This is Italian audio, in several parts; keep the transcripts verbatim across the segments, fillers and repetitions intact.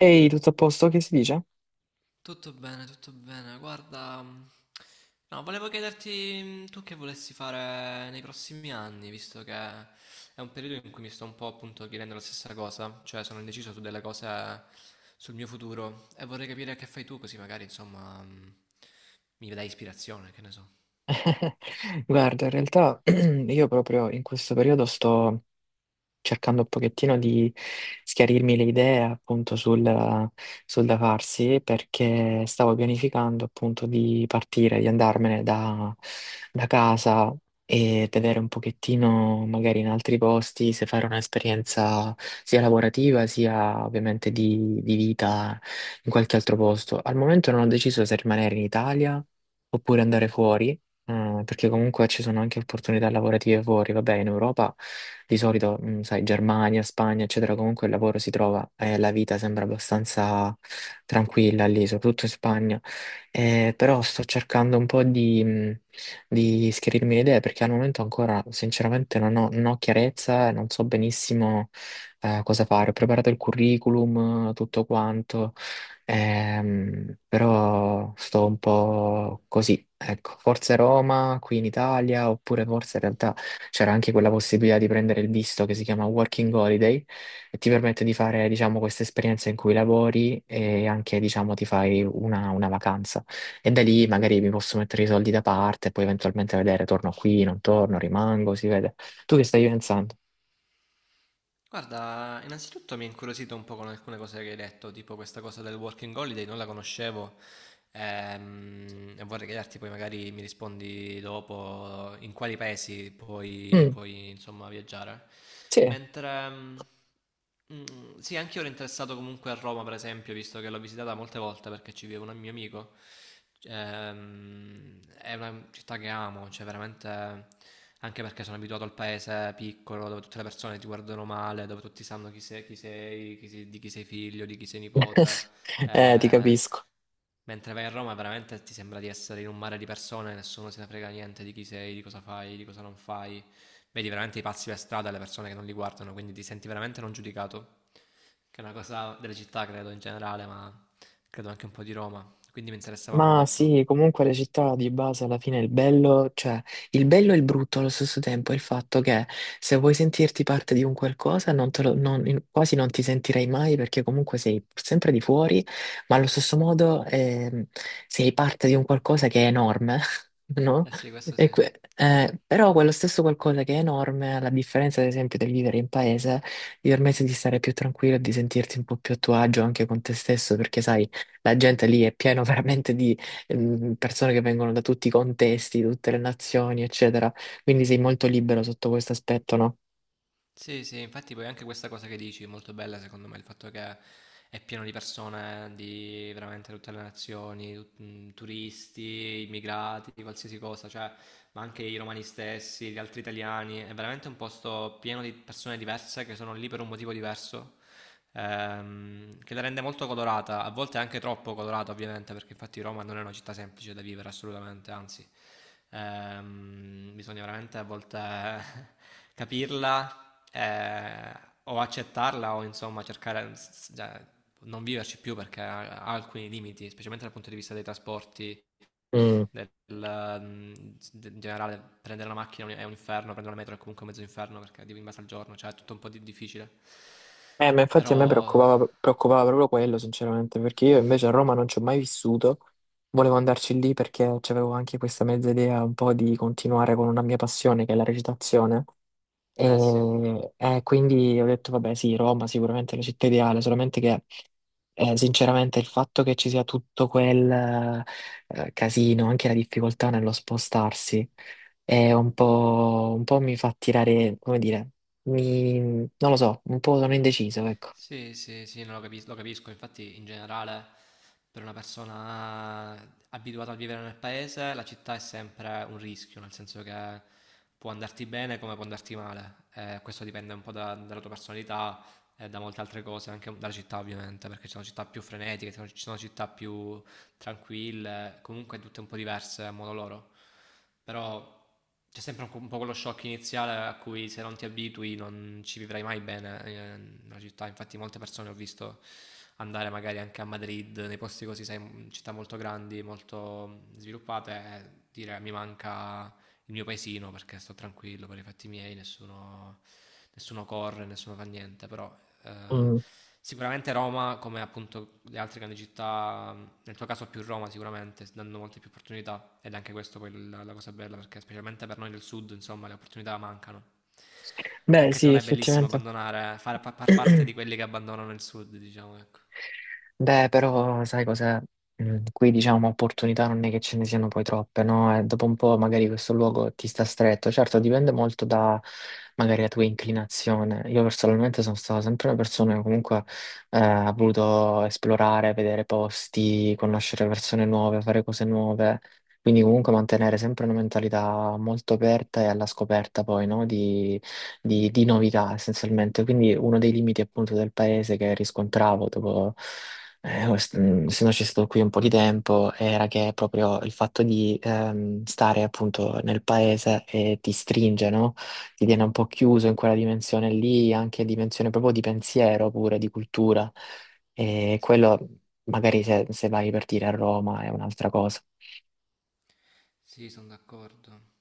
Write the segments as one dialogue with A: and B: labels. A: Ehi, tutto a posto? Che si dice?
B: Tutto bene, tutto bene. Guarda, mm, no, volevo chiederti mm, tu che volessi fare nei prossimi anni, visto che è un periodo in cui mi sto un po' appunto chiedendo la stessa cosa, cioè sono indeciso su delle cose sul mio futuro e vorrei capire che fai tu, così magari insomma mm, mi dai ispirazione, che ne so.
A: Guarda, in realtà io proprio in questo periodo sto cercando un pochettino di schiarirmi le idee appunto sul, sul da farsi perché stavo pianificando appunto di partire, di andarmene da, da casa e vedere un pochettino magari in altri posti se fare un'esperienza sia lavorativa sia ovviamente di, di vita in qualche altro posto. Al momento non ho deciso se rimanere in Italia oppure andare fuori. Eh, perché comunque ci sono anche opportunità lavorative fuori, vabbè, in Europa di solito, mm, sai, Germania, Spagna, eccetera, comunque il lavoro si trova e la vita sembra abbastanza tranquilla lì, soprattutto in Spagna. Eh,
B: Mm.
A: però sto cercando un po' di, mm, di schiarirmi le idee perché al momento ancora, sinceramente, non ho, non ho chiarezza e non so benissimo eh, cosa fare. Ho preparato il curriculum, eh, tutto quanto. Ehm, però sto un po' così, ecco, forse Roma qui in Italia, oppure forse in realtà c'era anche quella possibilità di prendere il visto che si chiama Working Holiday e ti permette di fare, diciamo, questa esperienza in cui lavori e anche, diciamo, ti fai una, una vacanza. E da lì magari mi posso mettere i soldi da parte e poi eventualmente vedere, torno qui, non torno, rimango, si vede. Tu che stai pensando?
B: Guarda, innanzitutto mi ha incuriosito un po' con alcune cose che hai detto, tipo questa cosa del working holiday, non la conoscevo Ehm, Vorrei chiederti poi magari mi rispondi dopo in quali paesi puoi,
A: Mm,
B: puoi, insomma viaggiare.
A: sì.
B: Mentre mm, mm, sì, anche io ero interessato comunque a Roma, per esempio, visto che l'ho visitata molte volte perché ci vive un mio amico. Ehm, è una città che amo, cioè veramente anche perché sono abituato al paese piccolo dove tutte le persone ti guardano male, dove tutti sanno chi sei, chi sei, chi sei- di chi sei figlio, di chi sei nipote.
A: Eh, ti
B: Eh,
A: capisco.
B: mentre vai a Roma veramente ti sembra di essere in un mare di persone, nessuno se ne frega niente di chi sei, di cosa fai, di cosa non fai. Vedi veramente i pazzi per strada, le persone che non li guardano, quindi ti senti veramente non giudicato. Che è una cosa delle città, credo in generale, ma credo anche un po' di Roma. Quindi mi interessava
A: Ma
B: molto.
A: sì, comunque le città di base alla fine il bello, cioè il bello e il brutto allo stesso tempo è il fatto che se vuoi sentirti parte di un qualcosa non te lo- non- in- quasi non ti sentirai mai perché comunque sei sempre di fuori, ma allo stesso modo ehm, sei parte di un qualcosa che è enorme, no?
B: Eh sì, questo
A: E
B: sì.
A: que- eh, però quello stesso qualcosa che è enorme, alla differenza ad esempio del vivere in paese, ti permette di stare più tranquillo e di sentirti un po' più a tuo agio anche con te stesso perché sai la gente lì è piena veramente di ehm, persone che vengono da tutti i contesti, da tutte le nazioni, eccetera. Quindi sei molto libero sotto questo aspetto, no?
B: Sì, sì, infatti poi anche questa cosa che dici è molto bella secondo me, il fatto che è pieno di persone di veramente tutte le nazioni, tut- mh, turisti, immigrati, qualsiasi cosa, cioè, ma anche i romani stessi, gli altri italiani, è veramente un posto pieno di persone diverse che sono lì per un motivo diverso, ehm, che la rende molto colorata, a volte anche troppo colorata ovviamente, perché infatti Roma non è una città semplice da vivere assolutamente, anzi, ehm, bisogna veramente a volte... capirla eh, o accettarla o insomma cercare s- cioè, non viverci più perché ha, ha alcuni limiti, specialmente dal punto di vista dei trasporti,
A: Mm.
B: del, mm, de- in generale prendere la macchina è un inferno, prendere la metro è comunque mezzo inferno perché devi in base al giorno, cioè è tutto un po' di- difficile.
A: Eh, ma infatti a
B: Però,
A: me preoccupava, preoccupava proprio quello, sinceramente, perché io invece a Roma non ci ho mai vissuto. Volevo andarci lì perché avevo anche questa mezza idea un po' di continuare con una mia passione, che è la recitazione.
B: eh sì.
A: E, eh, quindi ho detto, vabbè, sì, Roma sicuramente è la città ideale, solamente che eh, sinceramente il fatto che ci sia tutto quel eh, casino, anche la difficoltà nello spostarsi, è un po', un po' mi fa tirare, come dire, mi- non lo so, un po' sono indeciso, ecco.
B: Sì, sì, sì, no, lo capis- lo capisco. Infatti, in generale, per una persona abituata a vivere nel paese, la città è sempre un rischio, nel senso che può andarti bene come può andarti male. Eh, questo dipende un po' da- dalla tua personalità e da molte altre cose, anche dalla città, ovviamente, perché ci sono città più frenetiche, ci sono ci sono città più tranquille, comunque tutte un po' diverse a modo loro. Però c'è sempre un po', un po' quello shock iniziale a cui se non ti abitui non ci vivrai mai bene eh, nella città. Infatti molte persone ho visto andare magari anche a Madrid, nei posti così, sai, città molto grandi, molto sviluppate, e dire mi manca il mio paesino perché sto tranquillo per i fatti miei, nessuno, nessuno, corre, nessuno fa niente, però eh,
A: Mm.
B: sicuramente Roma, come appunto le altre grandi città, nel tuo caso più Roma sicuramente, danno molte più opportunità ed è anche questo poi la, la cosa bella perché specialmente per noi del sud insomma le opportunità mancano,
A: Beh,
B: anche se
A: sì,
B: non è bellissimo
A: effettivamente.
B: abbandonare, far, far parte di quelli che abbandonano il sud diciamo ecco.
A: Beh, però sai cos'è? Mm, Qui diciamo opportunità non è che ce ne siano poi troppe, no? E dopo un po' magari questo luogo ti sta stretto. Certo, dipende molto da magari la tua inclinazione. Io personalmente sono stata sempre una persona che comunque eh, ha voluto esplorare, vedere posti, conoscere persone nuove, fare cose nuove. Quindi comunque mantenere sempre una mentalità molto aperta e alla scoperta poi, no? Di, di di novità essenzialmente. Quindi uno dei limiti appunto del paese che riscontravo dopo eh, o- mm, se no ci sto qui un po' di tempo, era che proprio il fatto di ehm, stare appunto nel paese e ti stringe, no? Ti tiene un po' chiuso in quella dimensione lì, anche dimensione proprio di pensiero pure, di cultura. E
B: Sì, sì,
A: quello magari se, se vai per dire a Roma è un'altra cosa.
B: sì, sono d'accordo.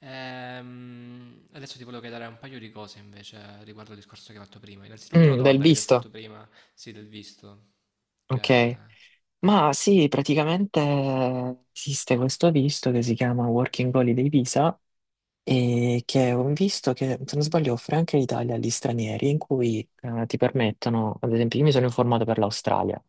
B: Ehm, adesso ti volevo chiedere un paio di cose invece riguardo al discorso che hai fatto prima. Innanzitutto la
A: Mm, del
B: domanda che ti ho
A: visto,
B: fatto prima, sì, del visto, che...
A: ok. Ma sì, praticamente esiste questo visto che si chiama Working Holiday Visa e che ho visto che, se non sbaglio, offre anche l'Italia agli stranieri, in cui eh, ti permettono, ad esempio, io mi sono informato per l'Australia,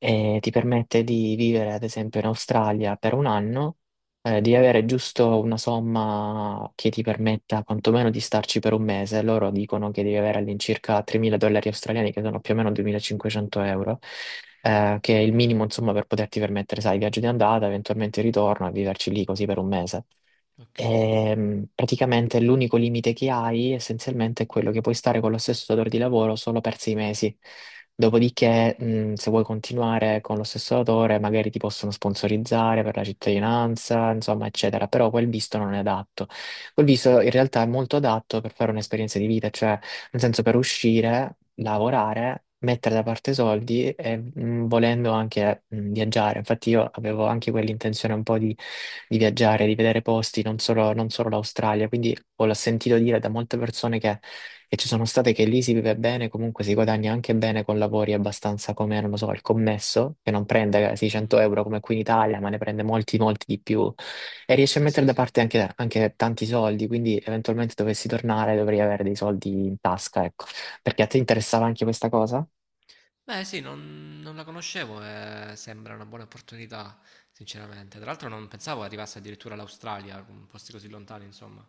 A: e ti permette di vivere, ad esempio, in Australia per un anno, eh, di avere giusto una somma che ti permetta quantomeno di starci per un mese. Loro dicono che devi avere all'incirca tremila dollari australiani, che sono più o meno duemilacinquecento euro, eh, che è il minimo, insomma, per poterti permettere, sai, il viaggio di andata, eventualmente il ritorno, e viverci lì così per un mese.
B: Ok.
A: Ehm, praticamente l'unico limite che hai essenzialmente è quello che puoi stare con lo stesso datore di lavoro solo per sei mesi. Dopodiché, mh, se vuoi continuare con lo stesso datore, magari ti possono sponsorizzare per la cittadinanza, insomma, eccetera. Però quel visto non è adatto. Quel visto in realtà è molto adatto per fare un'esperienza di vita, cioè, nel senso, per uscire lavorare, mettere da parte soldi e mh, volendo anche mh, viaggiare. Infatti io avevo anche quell'intenzione un po' di, di viaggiare, di vedere posti, non solo, non solo l'Australia, quindi ho sentito dire da molte persone che, che ci sono state che lì si vive bene, comunque si guadagna anche bene con lavori abbastanza come, non lo so, il commesso, che non prende 600
B: Mm.
A: euro come qui in Italia, ma ne prende molti, molti di più e riesci a
B: Eh
A: mettere
B: sì,
A: da
B: sì.
A: parte anche, anche tanti soldi, quindi eventualmente dovessi tornare dovrei avere dei soldi in tasca, ecco. Perché a te interessava anche questa cosa?
B: Beh, sì, non, non la conoscevo e sembra una buona opportunità, sinceramente. Tra l'altro non pensavo arrivasse addirittura all'Australia, con posti così lontani, insomma.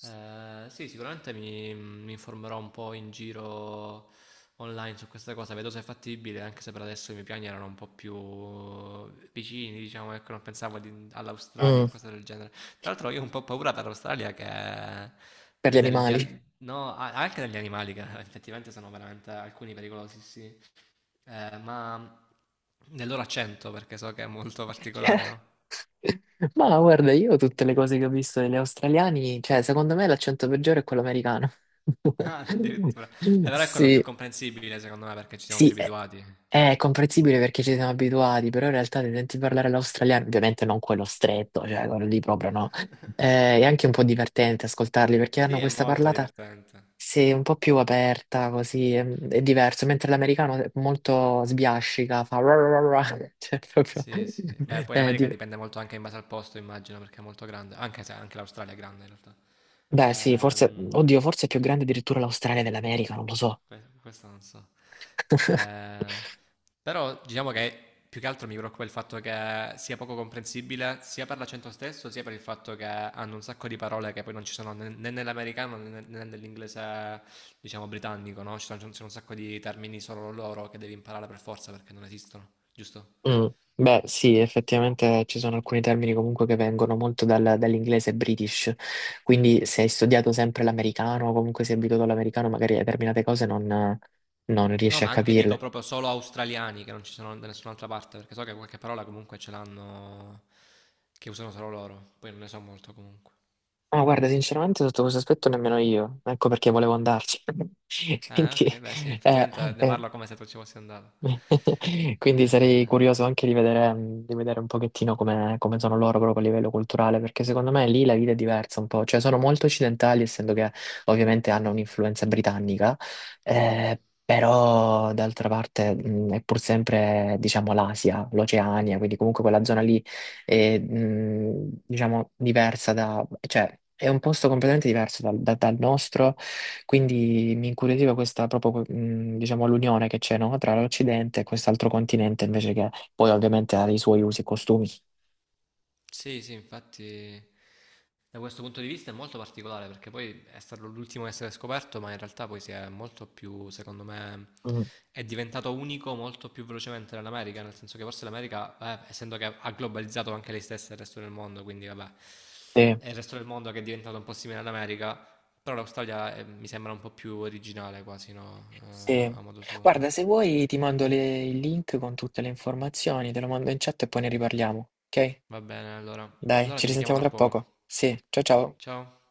B: Eh, sì, sicuramente mi, mi informerò un po' in giro online su questa cosa, vedo se è fattibile, anche se per adesso i miei piani erano un po' più vicini, diciamo, ecco, non pensavo di- all'Australia o
A: Mm.
B: cose del genere. Tra l'altro io ho un po' paura dall'Australia che...
A: Per gli
B: Degli,
A: animali?
B: al- no, a- anche degli animali che effettivamente sono veramente alcuni pericolosi, sì. Eh, ma nell'ora cento perché so che è molto particolare,
A: Perché?
B: no?
A: Ma guarda, io tutte le cose che ho visto degli australiani, cioè, secondo me l'accento peggiore è quello americano.
B: Ah, addirittura. Eh, Però è quello più
A: Sì,
B: comprensibile secondo me perché ci siamo
A: sì,
B: più
A: è,
B: abituati.
A: è comprensibile perché ci siamo abituati, però in realtà se senti parlare l'australiano, ovviamente non quello stretto, cioè quello lì proprio no. Eh, è anche un po' divertente ascoltarli perché hanno
B: Sì, è
A: questa
B: molto
A: parlata
B: divertente.
A: sì, un po' più aperta, così è, è diverso, mentre l'americano è molto sbiascica, fa ra ra ra ra, cioè proprio.
B: Sì, sì. Beh, poi
A: è
B: l'America
A: di-
B: dipende molto anche in base al posto, immagino, perché è molto grande, anche se anche l'Australia è grande in realtà.
A: Beh sì, forse,
B: Ehm,
A: oddio, forse è più grande addirittura l'Australia dell'America, non lo so.
B: Que- Questo non so. Eh, Però diciamo che più che altro mi preoccupa il fatto che sia poco comprensibile sia per l'accento stesso, sia per il fatto che hanno un sacco di parole che poi non ci sono né né nell'americano né né nell'inglese, diciamo, britannico, no? Ci sono, ci sono un sacco di termini solo loro che devi imparare per forza perché non esistono, giusto?
A: Mm, beh, sì, effettivamente ci sono alcuni termini comunque che vengono molto dal- dall'inglese british, quindi se hai studiato sempre l'americano o comunque sei abituato all'americano, magari determinate cose non, non
B: No,
A: riesci a
B: ma anche dico
A: capirle.
B: proprio solo australiani che non ci sono da nessun'altra parte, perché so che qualche parola comunque ce l'hanno che usano solo loro, poi non ne so molto comunque.
A: Ma guarda, sinceramente sotto questo aspetto nemmeno io, ecco perché volevo andarci.
B: Ah,
A: Quindi,
B: ok, beh, sì,
A: eh,
B: effettivamente ne
A: eh,
B: parlo come se tu ci fossi andato.
A: quindi sarei
B: Eh,
A: curioso anche di vedere, di vedere, un pochettino come, come sono loro proprio a livello culturale, perché secondo me lì la vita è diversa un po', cioè sono molto occidentali, essendo che ovviamente hanno un'influenza britannica,
B: sì, sì.
A: eh, però d'altra parte mh, è pur sempre, diciamo, l'Asia, l'Oceania, quindi comunque quella zona lì è, mh, diciamo, diversa da, cioè è un posto completamente diverso dal, da- dal nostro quindi mi incuriosiva questa proprio, mh, diciamo, l'unione che c'è, no? Tra l'Occidente e quest'altro continente, invece che poi ovviamente ha i suoi usi e costumi.
B: Sì, sì, infatti da questo punto di vista è molto particolare perché poi è stato l'ultimo a essere scoperto, ma in realtà poi si è molto più, secondo me,
A: Mm.
B: è diventato unico molto più velocemente dell'America, nel senso che forse l'America, eh, essendo che ha globalizzato anche lei stessa e il resto del mondo, quindi vabbè,
A: Sì,
B: è il resto del mondo che è diventato un po' simile all'America, però l'Australia eh, mi sembra un po' più originale quasi, no?
A: sì.
B: Eh, a modo suo.
A: Guarda, se vuoi ti mando le- il link con tutte le informazioni, te lo mando in chat e poi ne riparliamo, ok?
B: Va bene, allora.
A: Dai,
B: Allora
A: ci
B: ti richiamo
A: risentiamo
B: tra
A: tra poco.
B: poco.
A: Sì, ciao ciao.
B: Ciao.